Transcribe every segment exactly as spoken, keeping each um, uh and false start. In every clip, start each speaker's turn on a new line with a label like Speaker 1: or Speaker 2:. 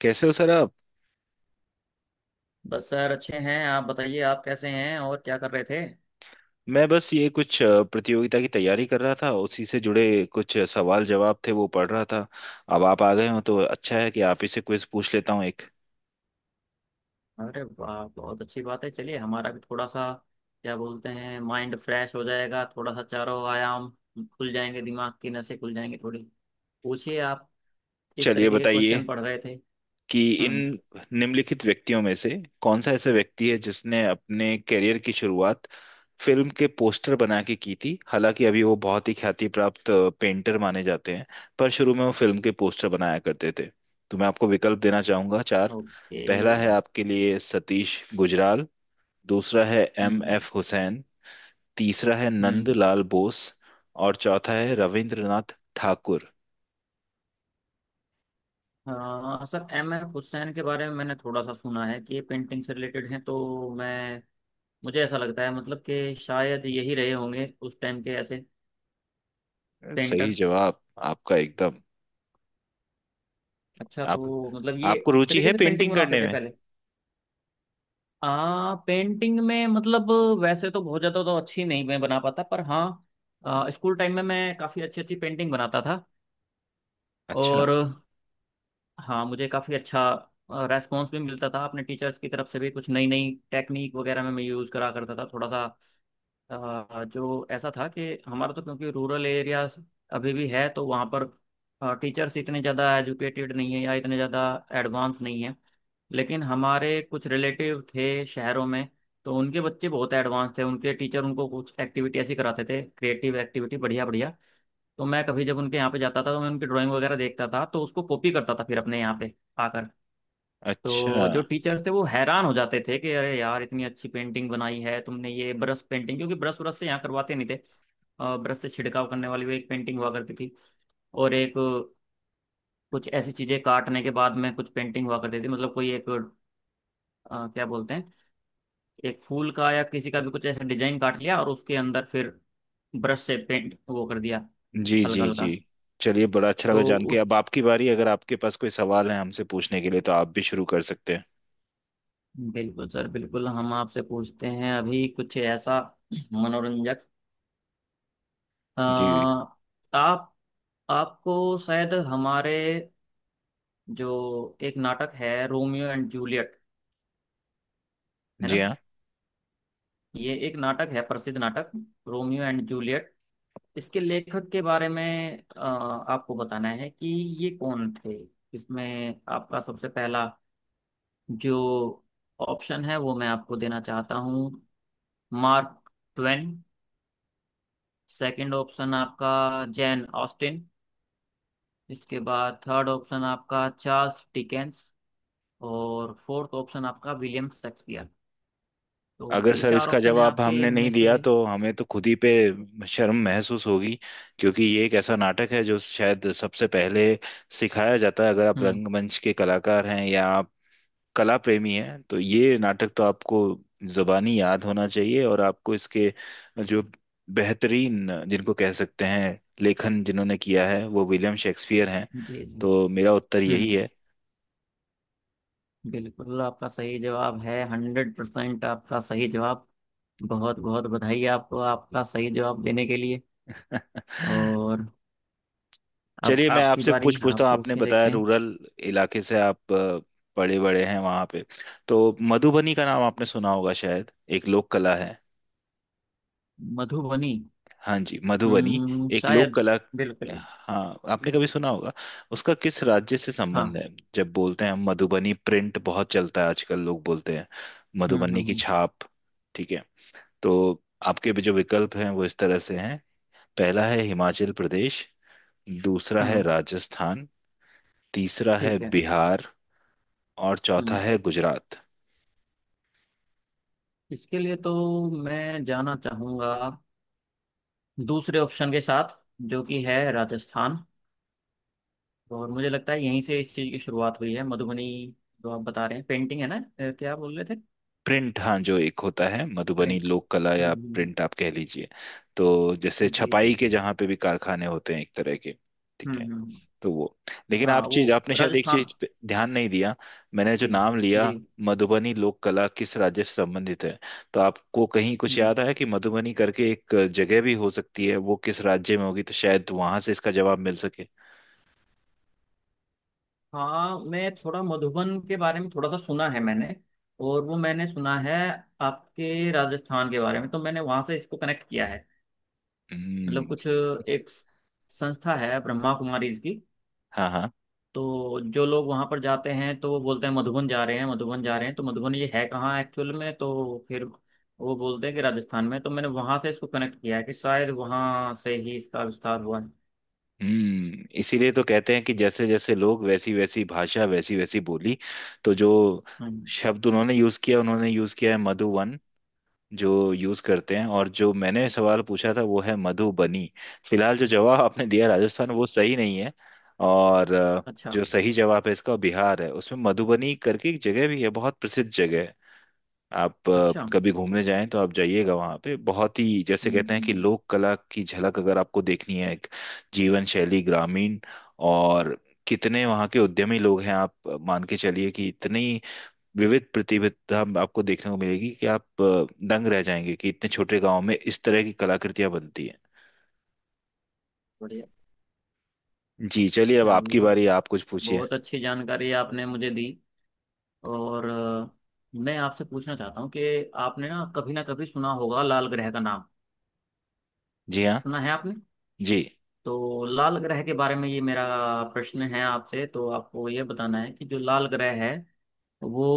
Speaker 1: कैसे हो सर आप।
Speaker 2: बस सर अच्छे हैं। आप बताइए, आप कैसे हैं और क्या कर रहे थे?
Speaker 1: मैं बस ये कुछ अ, प्रतियोगिता की तैयारी कर रहा था, उसी से जुड़े कुछ सवाल जवाब थे वो पढ़ रहा था। अब आप आ गए हो तो अच्छा है कि आप ही से क्विज पूछ लेता हूँ एक।
Speaker 2: अरे वाह, बहुत अच्छी बात है। चलिए, हमारा भी थोड़ा सा क्या बोलते हैं, माइंड फ्रेश हो जाएगा। थोड़ा सा चारों आयाम खुल जाएंगे, दिमाग की नसें खुल जाएंगी थोड़ी। पूछिए आप, किस
Speaker 1: चलिए
Speaker 2: तरीके के
Speaker 1: बताइए
Speaker 2: क्वेश्चन पढ़ रहे थे?
Speaker 1: कि इन
Speaker 2: हम्म।
Speaker 1: निम्नलिखित व्यक्तियों में से कौन सा ऐसा व्यक्ति है जिसने अपने करियर की शुरुआत फिल्म के पोस्टर बना के की थी, हालांकि अभी वो बहुत ही ख्याति प्राप्त पेंटर माने जाते हैं, पर शुरू में वो फिल्म के पोस्टर बनाया करते थे। तो मैं आपको विकल्प देना चाहूंगा चार।
Speaker 2: ओके।
Speaker 1: पहला है आपके लिए सतीश गुजराल, दूसरा है एम
Speaker 2: हम्म।
Speaker 1: एफ हुसैन, तीसरा है नंद
Speaker 2: हम्म।
Speaker 1: लाल बोस, और चौथा है रविंद्रनाथ ठाकुर।
Speaker 2: हाँ सर, एम एफ हुसैन के बारे में मैंने थोड़ा सा सुना है कि ये पेंटिंग से रिलेटेड हैं, तो मैं, मुझे ऐसा लगता है, मतलब कि शायद यही रहे होंगे उस टाइम के ऐसे
Speaker 1: सही
Speaker 2: पेंटर।
Speaker 1: जवाब आपका एकदम।
Speaker 2: अच्छा,
Speaker 1: आप
Speaker 2: तो मतलब ये
Speaker 1: आपको
Speaker 2: इस
Speaker 1: रुचि
Speaker 2: तरीके
Speaker 1: है
Speaker 2: से पेंटिंग
Speaker 1: पेंटिंग
Speaker 2: बनाते
Speaker 1: करने
Speaker 2: थे
Speaker 1: में?
Speaker 2: पहले। आ पेंटिंग में मतलब वैसे तो बहुत ज्यादा तो अच्छी नहीं मैं बना पाता, पर हाँ। आ, स्कूल टाइम में मैं काफी अच्छी अच्छी पेंटिंग बनाता था।
Speaker 1: अच्छा।
Speaker 2: और हाँ, मुझे काफी अच्छा रेस्पॉन्स भी मिलता था अपने टीचर्स की तरफ से भी। कुछ नई नई टेक्निक वगैरह में मैं यूज करा करता था थोड़ा सा। अ, जो ऐसा था कि हमारा तो क्योंकि रूरल एरिया अभी भी है, तो वहाँ पर टीचर्स इतने ज़्यादा एजुकेटेड नहीं है या इतने ज़्यादा एडवांस नहीं है। लेकिन हमारे कुछ रिलेटिव थे शहरों में, तो उनके बच्चे बहुत एडवांस थे। उनके टीचर उनको कुछ एक्टिविटी ऐसी कराते थे, क्रिएटिव एक्टिविटी, बढ़िया बढ़िया। तो मैं कभी जब उनके यहाँ पे जाता था तो मैं उनकी ड्राइंग वगैरह देखता था, तो उसको कॉपी करता था फिर अपने यहाँ पे आकर।
Speaker 1: अच्छा।
Speaker 2: तो जो टीचर्स थे वो हैरान हो जाते थे कि अरे यार, इतनी अच्छी पेंटिंग बनाई है तुमने। ये ब्रश पेंटिंग, क्योंकि ब्रश ब्रश से यहाँ करवाते नहीं थे। ब्रश से छिड़काव करने वाली वो एक पेंटिंग हुआ करती थी। और एक अ, कुछ ऐसी चीजें काटने के बाद में कुछ पेंटिंग हुआ करती थी। मतलब कोई एक अ, क्या बोलते हैं, एक फूल का या किसी का भी कुछ ऐसा डिजाइन काट लिया और उसके अंदर फिर ब्रश से पेंट वो कर दिया,
Speaker 1: जी जी
Speaker 2: हल्का
Speaker 1: जी।
Speaker 2: हल्का।
Speaker 1: चलिए बड़ा अच्छा लगा
Speaker 2: तो
Speaker 1: जान के।
Speaker 2: उस
Speaker 1: अब आपकी बारी, अगर आपके पास कोई सवाल है हमसे पूछने के लिए तो आप भी शुरू कर सकते हैं।
Speaker 2: बिल्कुल सर, बिल्कुल। हम आपसे पूछते हैं अभी कुछ ऐसा मनोरंजक। अ,
Speaker 1: जी।
Speaker 2: आप आपको शायद हमारे, जो एक नाटक है रोमियो एंड जूलियट, है
Speaker 1: जी
Speaker 2: ना।
Speaker 1: हाँ।
Speaker 2: ये एक नाटक है, प्रसिद्ध नाटक, रोमियो एंड जूलियट। इसके लेखक के बारे में अ, आपको बताना है कि ये कौन थे। इसमें आपका सबसे पहला जो ऑप्शन है वो मैं आपको देना चाहता हूँ, मार्क ट्वेन। सेकंड ऑप्शन आपका, जैन ऑस्टिन। इसके बाद थर्ड ऑप्शन आपका, चार्ल्स डिकेंस। और फोर्थ ऑप्शन आपका, विलियम शेक्सपियर। तो
Speaker 1: अगर
Speaker 2: ये
Speaker 1: सर
Speaker 2: चार
Speaker 1: इसका
Speaker 2: ऑप्शन है
Speaker 1: जवाब
Speaker 2: आपके,
Speaker 1: हमने नहीं
Speaker 2: इनमें से।
Speaker 1: दिया तो हमें तो खुद ही पे शर्म महसूस होगी, क्योंकि ये एक ऐसा नाटक है जो शायद सबसे पहले सिखाया जाता है, अगर आप
Speaker 2: हम्म।
Speaker 1: रंगमंच के कलाकार हैं या कला प्रेमी हैं तो ये नाटक तो आपको जुबानी याद होना चाहिए। और आपको इसके जो बेहतरीन जिनको कह सकते हैं लेखन जिन्होंने किया है वो विलियम शेक्सपियर हैं।
Speaker 2: जी जी।
Speaker 1: तो मेरा उत्तर यही
Speaker 2: हम्म।
Speaker 1: है।
Speaker 2: बिल्कुल, आपका सही जवाब है। हंड्रेड परसेंट आपका सही जवाब। बहुत बहुत बधाई आपको आपका सही जवाब देने के लिए। और अब
Speaker 1: चलिए मैं
Speaker 2: आपकी
Speaker 1: आपसे पूछ
Speaker 2: बारी,
Speaker 1: पूछता
Speaker 2: आप
Speaker 1: हूँ, आपने
Speaker 2: पूछिए,
Speaker 1: बताया
Speaker 2: देखते हैं।
Speaker 1: रूरल इलाके से आप अ, बड़े बड़े हैं वहां पे। तो मधुबनी का नाम आपने सुना होगा शायद, एक लोक कला है।
Speaker 2: मधुबनी।
Speaker 1: हाँ जी मधुबनी,
Speaker 2: हम्म,
Speaker 1: एक लोक
Speaker 2: शायद।
Speaker 1: कला।
Speaker 2: बिल्कुल।
Speaker 1: हाँ आपने कभी सुना होगा, उसका किस राज्य से संबंध
Speaker 2: हाँ।
Speaker 1: है। जब बोलते हैं हम मधुबनी प्रिंट बहुत चलता है आजकल, लोग बोलते हैं
Speaker 2: हम्म हम्म
Speaker 1: मधुबनी की
Speaker 2: हम्म।
Speaker 1: छाप। ठीक है। तो आपके भी जो विकल्प हैं वो इस तरह से हैं। पहला है हिमाचल प्रदेश, दूसरा है
Speaker 2: हम्म,
Speaker 1: राजस्थान, तीसरा है
Speaker 2: ठीक है।
Speaker 1: बिहार, और चौथा
Speaker 2: हम्म।
Speaker 1: है गुजरात।
Speaker 2: इसके लिए तो मैं जाना चाहूंगा दूसरे ऑप्शन के साथ, जो कि है राजस्थान। और मुझे लगता है यहीं से इस चीज़ की शुरुआत हुई है, मधुबनी, जो आप बता रहे हैं, पेंटिंग है ना अ, क्या बोल रहे थे?
Speaker 1: प्रिंट, हाँ, जो एक होता है मधुबनी
Speaker 2: प्रिंट।
Speaker 1: लोक कला
Speaker 2: हम्म
Speaker 1: या
Speaker 2: हम्म, हम्म,
Speaker 1: प्रिंट आप कह लीजिए। तो जैसे
Speaker 2: हम्म। जी जी
Speaker 1: छपाई के
Speaker 2: जी।
Speaker 1: जहाँ पे भी कारखाने होते हैं एक तरह के।
Speaker 2: हम्म
Speaker 1: ठीक है।
Speaker 2: हम्म हम्म।
Speaker 1: तो वो, लेकिन आप
Speaker 2: हाँ वो
Speaker 1: चीज आपने शायद एक
Speaker 2: राजस्थान।
Speaker 1: चीज पे ध्यान नहीं दिया। मैंने जो
Speaker 2: जी
Speaker 1: नाम
Speaker 2: जी।
Speaker 1: लिया, मधुबनी लोक कला किस राज्य से संबंधित है। तो आपको कहीं कुछ
Speaker 2: हम्म।
Speaker 1: याद आया कि मधुबनी करके एक जगह भी हो सकती है, वो किस राज्य में होगी तो शायद वहां से इसका जवाब मिल सके।
Speaker 2: हाँ, मैं थोड़ा मधुबन के बारे में थोड़ा सा सुना है मैंने। और वो मैंने सुना है आपके, राजस्थान के बारे में, तो मैंने वहां से इसको कनेक्ट किया है। मतलब
Speaker 1: हम्म।
Speaker 2: कुछ एक संस्था है ब्रह्मा कुमारीज की,
Speaker 1: हाँ हाँ।
Speaker 2: तो जो लोग वहां पर जाते हैं तो वो बोलते हैं मधुबन जा रहे हैं, मधुबन जा रहे हैं। तो मधुबन ये है कहाँ एक्चुअल में, तो फिर वो बोलते हैं कि राजस्थान में, तो मैंने वहां से इसको कनेक्ट किया है कि शायद वहां से ही इसका विस्तार हुआ है।
Speaker 1: हम्म, इसीलिए तो कहते हैं कि जैसे जैसे लोग वैसी वैसी भाषा वैसी वैसी बोली। तो जो
Speaker 2: हम्म।
Speaker 1: शब्द उन्होंने यूज किया, उन्होंने यूज किया है मधुवन, जो यूज करते हैं, और जो मैंने सवाल पूछा था वो है मधुबनी। फिलहाल जो जवाब आपने दिया राजस्थान वो सही नहीं है। और अ,
Speaker 2: अच्छा।
Speaker 1: जो सही जवाब है इसका बिहार है, उसमें मधुबनी करके एक जगह भी है, बहुत प्रसिद्ध जगह है। आप अ,
Speaker 2: अच्छा।
Speaker 1: कभी
Speaker 2: हम्म
Speaker 1: घूमने जाएं तो आप जाइएगा, वहाँ पे बहुत ही जैसे कहते हैं कि
Speaker 2: हम्म।
Speaker 1: लोक कला की झलक अगर आपको देखनी है, एक जीवन शैली ग्रामीण, और कितने वहाँ के उद्यमी लोग हैं, आप मान के चलिए कि इतनी विविध प्रतिभा आपको देखने को मिलेगी कि आप अ, दंग रह जाएंगे कि इतने छोटे गांव में इस तरह की कलाकृतियां बनती हैं।
Speaker 2: बढ़िया।
Speaker 1: जी चलिए, अब आपकी
Speaker 2: चलिए,
Speaker 1: बारी, आप कुछ पूछिए।
Speaker 2: बहुत अच्छी जानकारी आपने मुझे दी। और अ, मैं आपसे पूछना चाहता हूँ कि आपने ना कभी ना कभी सुना होगा लाल ग्रह का नाम।
Speaker 1: जी हाँ।
Speaker 2: सुना है आपने?
Speaker 1: जी।
Speaker 2: तो लाल ग्रह के बारे में ये मेरा प्रश्न है आपसे। तो आपको ये बताना है कि जो लाल ग्रह है वो,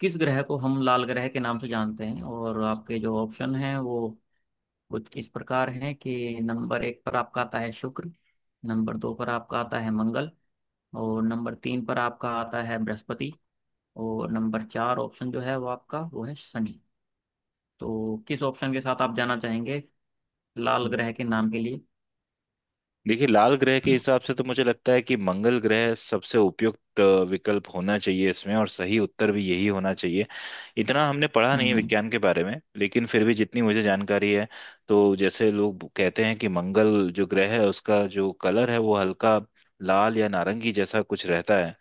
Speaker 2: किस ग्रह को हम लाल ग्रह के नाम से जानते हैं। और आपके जो ऑप्शन हैं वो कुछ इस प्रकार हैं कि नंबर एक पर आपका आता है शुक्र। नंबर दो पर आपका आता है मंगल। और नंबर तीन पर आपका आता है बृहस्पति। और नंबर चार ऑप्शन जो है वो आपका, वो है शनि। तो किस ऑप्शन के साथ आप जाना चाहेंगे लाल ग्रह के नाम के लिए?
Speaker 1: देखिए लाल ग्रह के हिसाब से तो मुझे लगता है कि मंगल ग्रह सबसे उपयुक्त अ, विकल्प होना चाहिए इसमें, और सही उत्तर भी यही होना चाहिए। इतना हमने पढ़ा नहीं
Speaker 2: हम्म।
Speaker 1: है
Speaker 2: हम्म
Speaker 1: विज्ञान के बारे में, लेकिन फिर भी जितनी मुझे जानकारी है, तो जैसे लोग कहते हैं कि मंगल जो ग्रह है उसका जो कलर है वो हल्का लाल या नारंगी जैसा कुछ रहता है।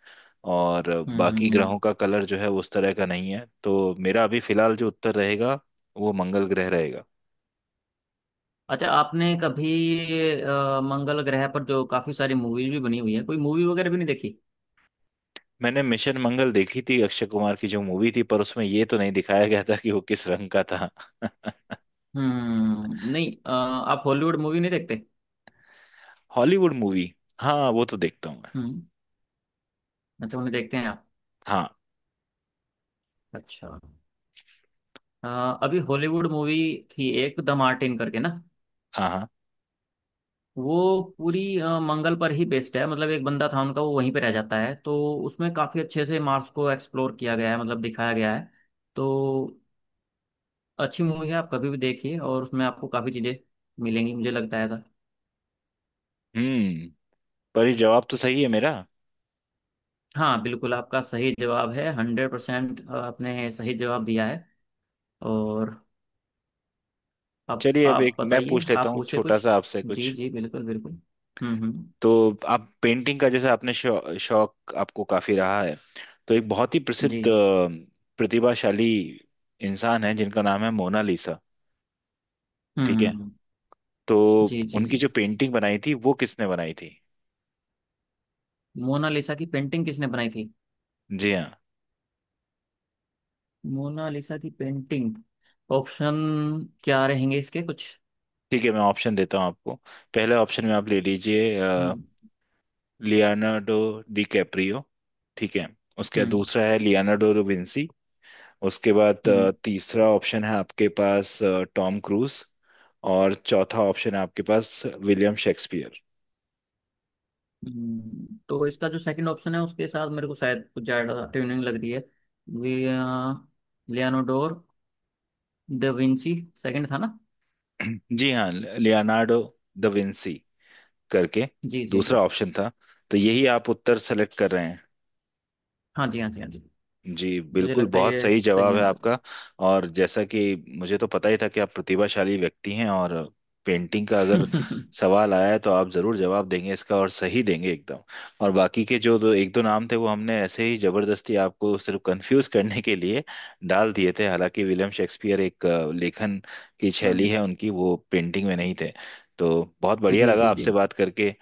Speaker 1: और
Speaker 2: हम्म।
Speaker 1: बाकी
Speaker 2: हम्म हम्म।
Speaker 1: ग्रहों का कलर जो है उस तरह का नहीं है, तो मेरा अभी फिलहाल जो उत्तर रहेगा वो मंगल ग्रह रहेगा।
Speaker 2: अच्छा, आपने कभी अ, मंगल ग्रह पर जो काफी सारी मूवीज भी बनी हुई है, कोई मूवी वगैरह भी नहीं देखी?
Speaker 1: मैंने मिशन मंगल देखी थी, अक्षय कुमार की जो मूवी थी, पर उसमें ये तो नहीं दिखाया गया था कि वो किस रंग का था।
Speaker 2: हम्म, नहीं। अ, आप हॉलीवुड मूवी नहीं देखते?
Speaker 1: हॉलीवुड मूवी, हाँ वो तो देखता हूँ मैं।
Speaker 2: हम्म। अच्छा, उन्हें देखते हैं आप।
Speaker 1: हाँ।
Speaker 2: अच्छा। अ, अभी हॉलीवुड मूवी थी एक, द मार्टिन करके ना।
Speaker 1: हाँ। हाँ।
Speaker 2: वो पूरी अ, मंगल पर ही बेस्ड है। मतलब एक बंदा था उनका, वो वहीं पे रह जाता है। तो उसमें काफी अच्छे से मार्स को एक्सप्लोर किया गया है, मतलब दिखाया गया है। तो अच्छी मूवी है, आप कभी भी देखिए, और उसमें आपको काफी चीजें मिलेंगी, मुझे लगता है ऐसा।
Speaker 1: हम्म। पर ये जवाब तो सही है मेरा।
Speaker 2: हाँ बिल्कुल, आपका सही जवाब है। हंड्रेड परसेंट आपने सही जवाब दिया है। और अब
Speaker 1: चलिए अब
Speaker 2: आप
Speaker 1: एक मैं
Speaker 2: बताइए,
Speaker 1: पूछ लेता
Speaker 2: आप
Speaker 1: हूँ
Speaker 2: पूछे
Speaker 1: छोटा
Speaker 2: कुछ।
Speaker 1: सा आपसे
Speaker 2: जी
Speaker 1: कुछ।
Speaker 2: जी, बिल्कुल बिल्कुल। हम्म हम्म।
Speaker 1: तो आप पेंटिंग का जैसे आपने शौ, शौक आपको काफी रहा है। तो एक बहुत ही प्रसिद्ध
Speaker 2: जी।
Speaker 1: अ, प्रतिभाशाली इंसान है जिनका नाम है मोनालिसा।
Speaker 2: हम्म
Speaker 1: ठीक
Speaker 2: हम्म,
Speaker 1: है।
Speaker 2: हम्म।
Speaker 1: तो
Speaker 2: जी जी
Speaker 1: उनकी
Speaker 2: जी।
Speaker 1: जो पेंटिंग बनाई थी वो किसने बनाई थी?
Speaker 2: मोनालिसा की पेंटिंग किसने बनाई थी?
Speaker 1: जी हाँ।
Speaker 2: मोनालिसा की पेंटिंग। ऑप्शन क्या रहेंगे इसके कुछ?
Speaker 1: ठीक है मैं ऑप्शन देता हूँ आपको। पहले ऑप्शन में आप ले लीजिए
Speaker 2: हम्म।
Speaker 1: Leonardo DiCaprio. ठीक है। उसके बाद
Speaker 2: हम्म।
Speaker 1: दूसरा है लियोनार्डो विंसी। उसके बाद
Speaker 2: हम्म।
Speaker 1: अ, तीसरा ऑप्शन है आपके पास टॉम क्रूज। और चौथा ऑप्शन है आपके पास विलियम शेक्सपियर।
Speaker 2: हम्म, तो इसका जो सेकंड ऑप्शन है उसके साथ मेरे को शायद कुछ ज़्यादा ट्यूनिंग लग रही है। वे, लियानोडोर द विंची। सेकंड था ना?
Speaker 1: जी हाँ, लियोनार्डो द विंसी करके
Speaker 2: जी जी जी।
Speaker 1: दूसरा ऑप्शन था, तो यही आप उत्तर सेलेक्ट कर रहे हैं?
Speaker 2: हाँ जी, हाँ जी, हाँ जी।
Speaker 1: जी
Speaker 2: मुझे
Speaker 1: बिल्कुल,
Speaker 2: लगता है
Speaker 1: बहुत
Speaker 2: ये
Speaker 1: सही
Speaker 2: सही
Speaker 1: जवाब है
Speaker 2: आंसर
Speaker 1: आपका। और जैसा कि मुझे तो पता ही था कि आप प्रतिभाशाली व्यक्ति हैं, और पेंटिंग का
Speaker 2: है।
Speaker 1: अगर सवाल आया है तो आप जरूर जवाब देंगे इसका और सही देंगे एकदम। और बाकी के जो दो एक दो नाम थे वो हमने ऐसे ही जबरदस्ती आपको सिर्फ कंफ्यूज करने के लिए डाल दिए थे। हालांकि विलियम शेक्सपियर एक अ, लेखन की शैली
Speaker 2: हम्म।
Speaker 1: है उनकी, वो पेंटिंग में नहीं थे। तो बहुत बढ़िया
Speaker 2: जी
Speaker 1: लगा
Speaker 2: जी जी।
Speaker 1: आपसे बात करके,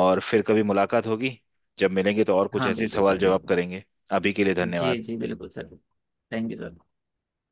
Speaker 1: और फिर कभी मुलाकात होगी, जब मिलेंगे तो और कुछ
Speaker 2: हाँ
Speaker 1: ऐसे ही
Speaker 2: बिल्कुल
Speaker 1: सवाल
Speaker 2: सर,
Speaker 1: जवाब
Speaker 2: बिल्कुल।
Speaker 1: करेंगे। अभी के लिए
Speaker 2: जी
Speaker 1: धन्यवाद।
Speaker 2: जी बिल्कुल सर। Thank you sir.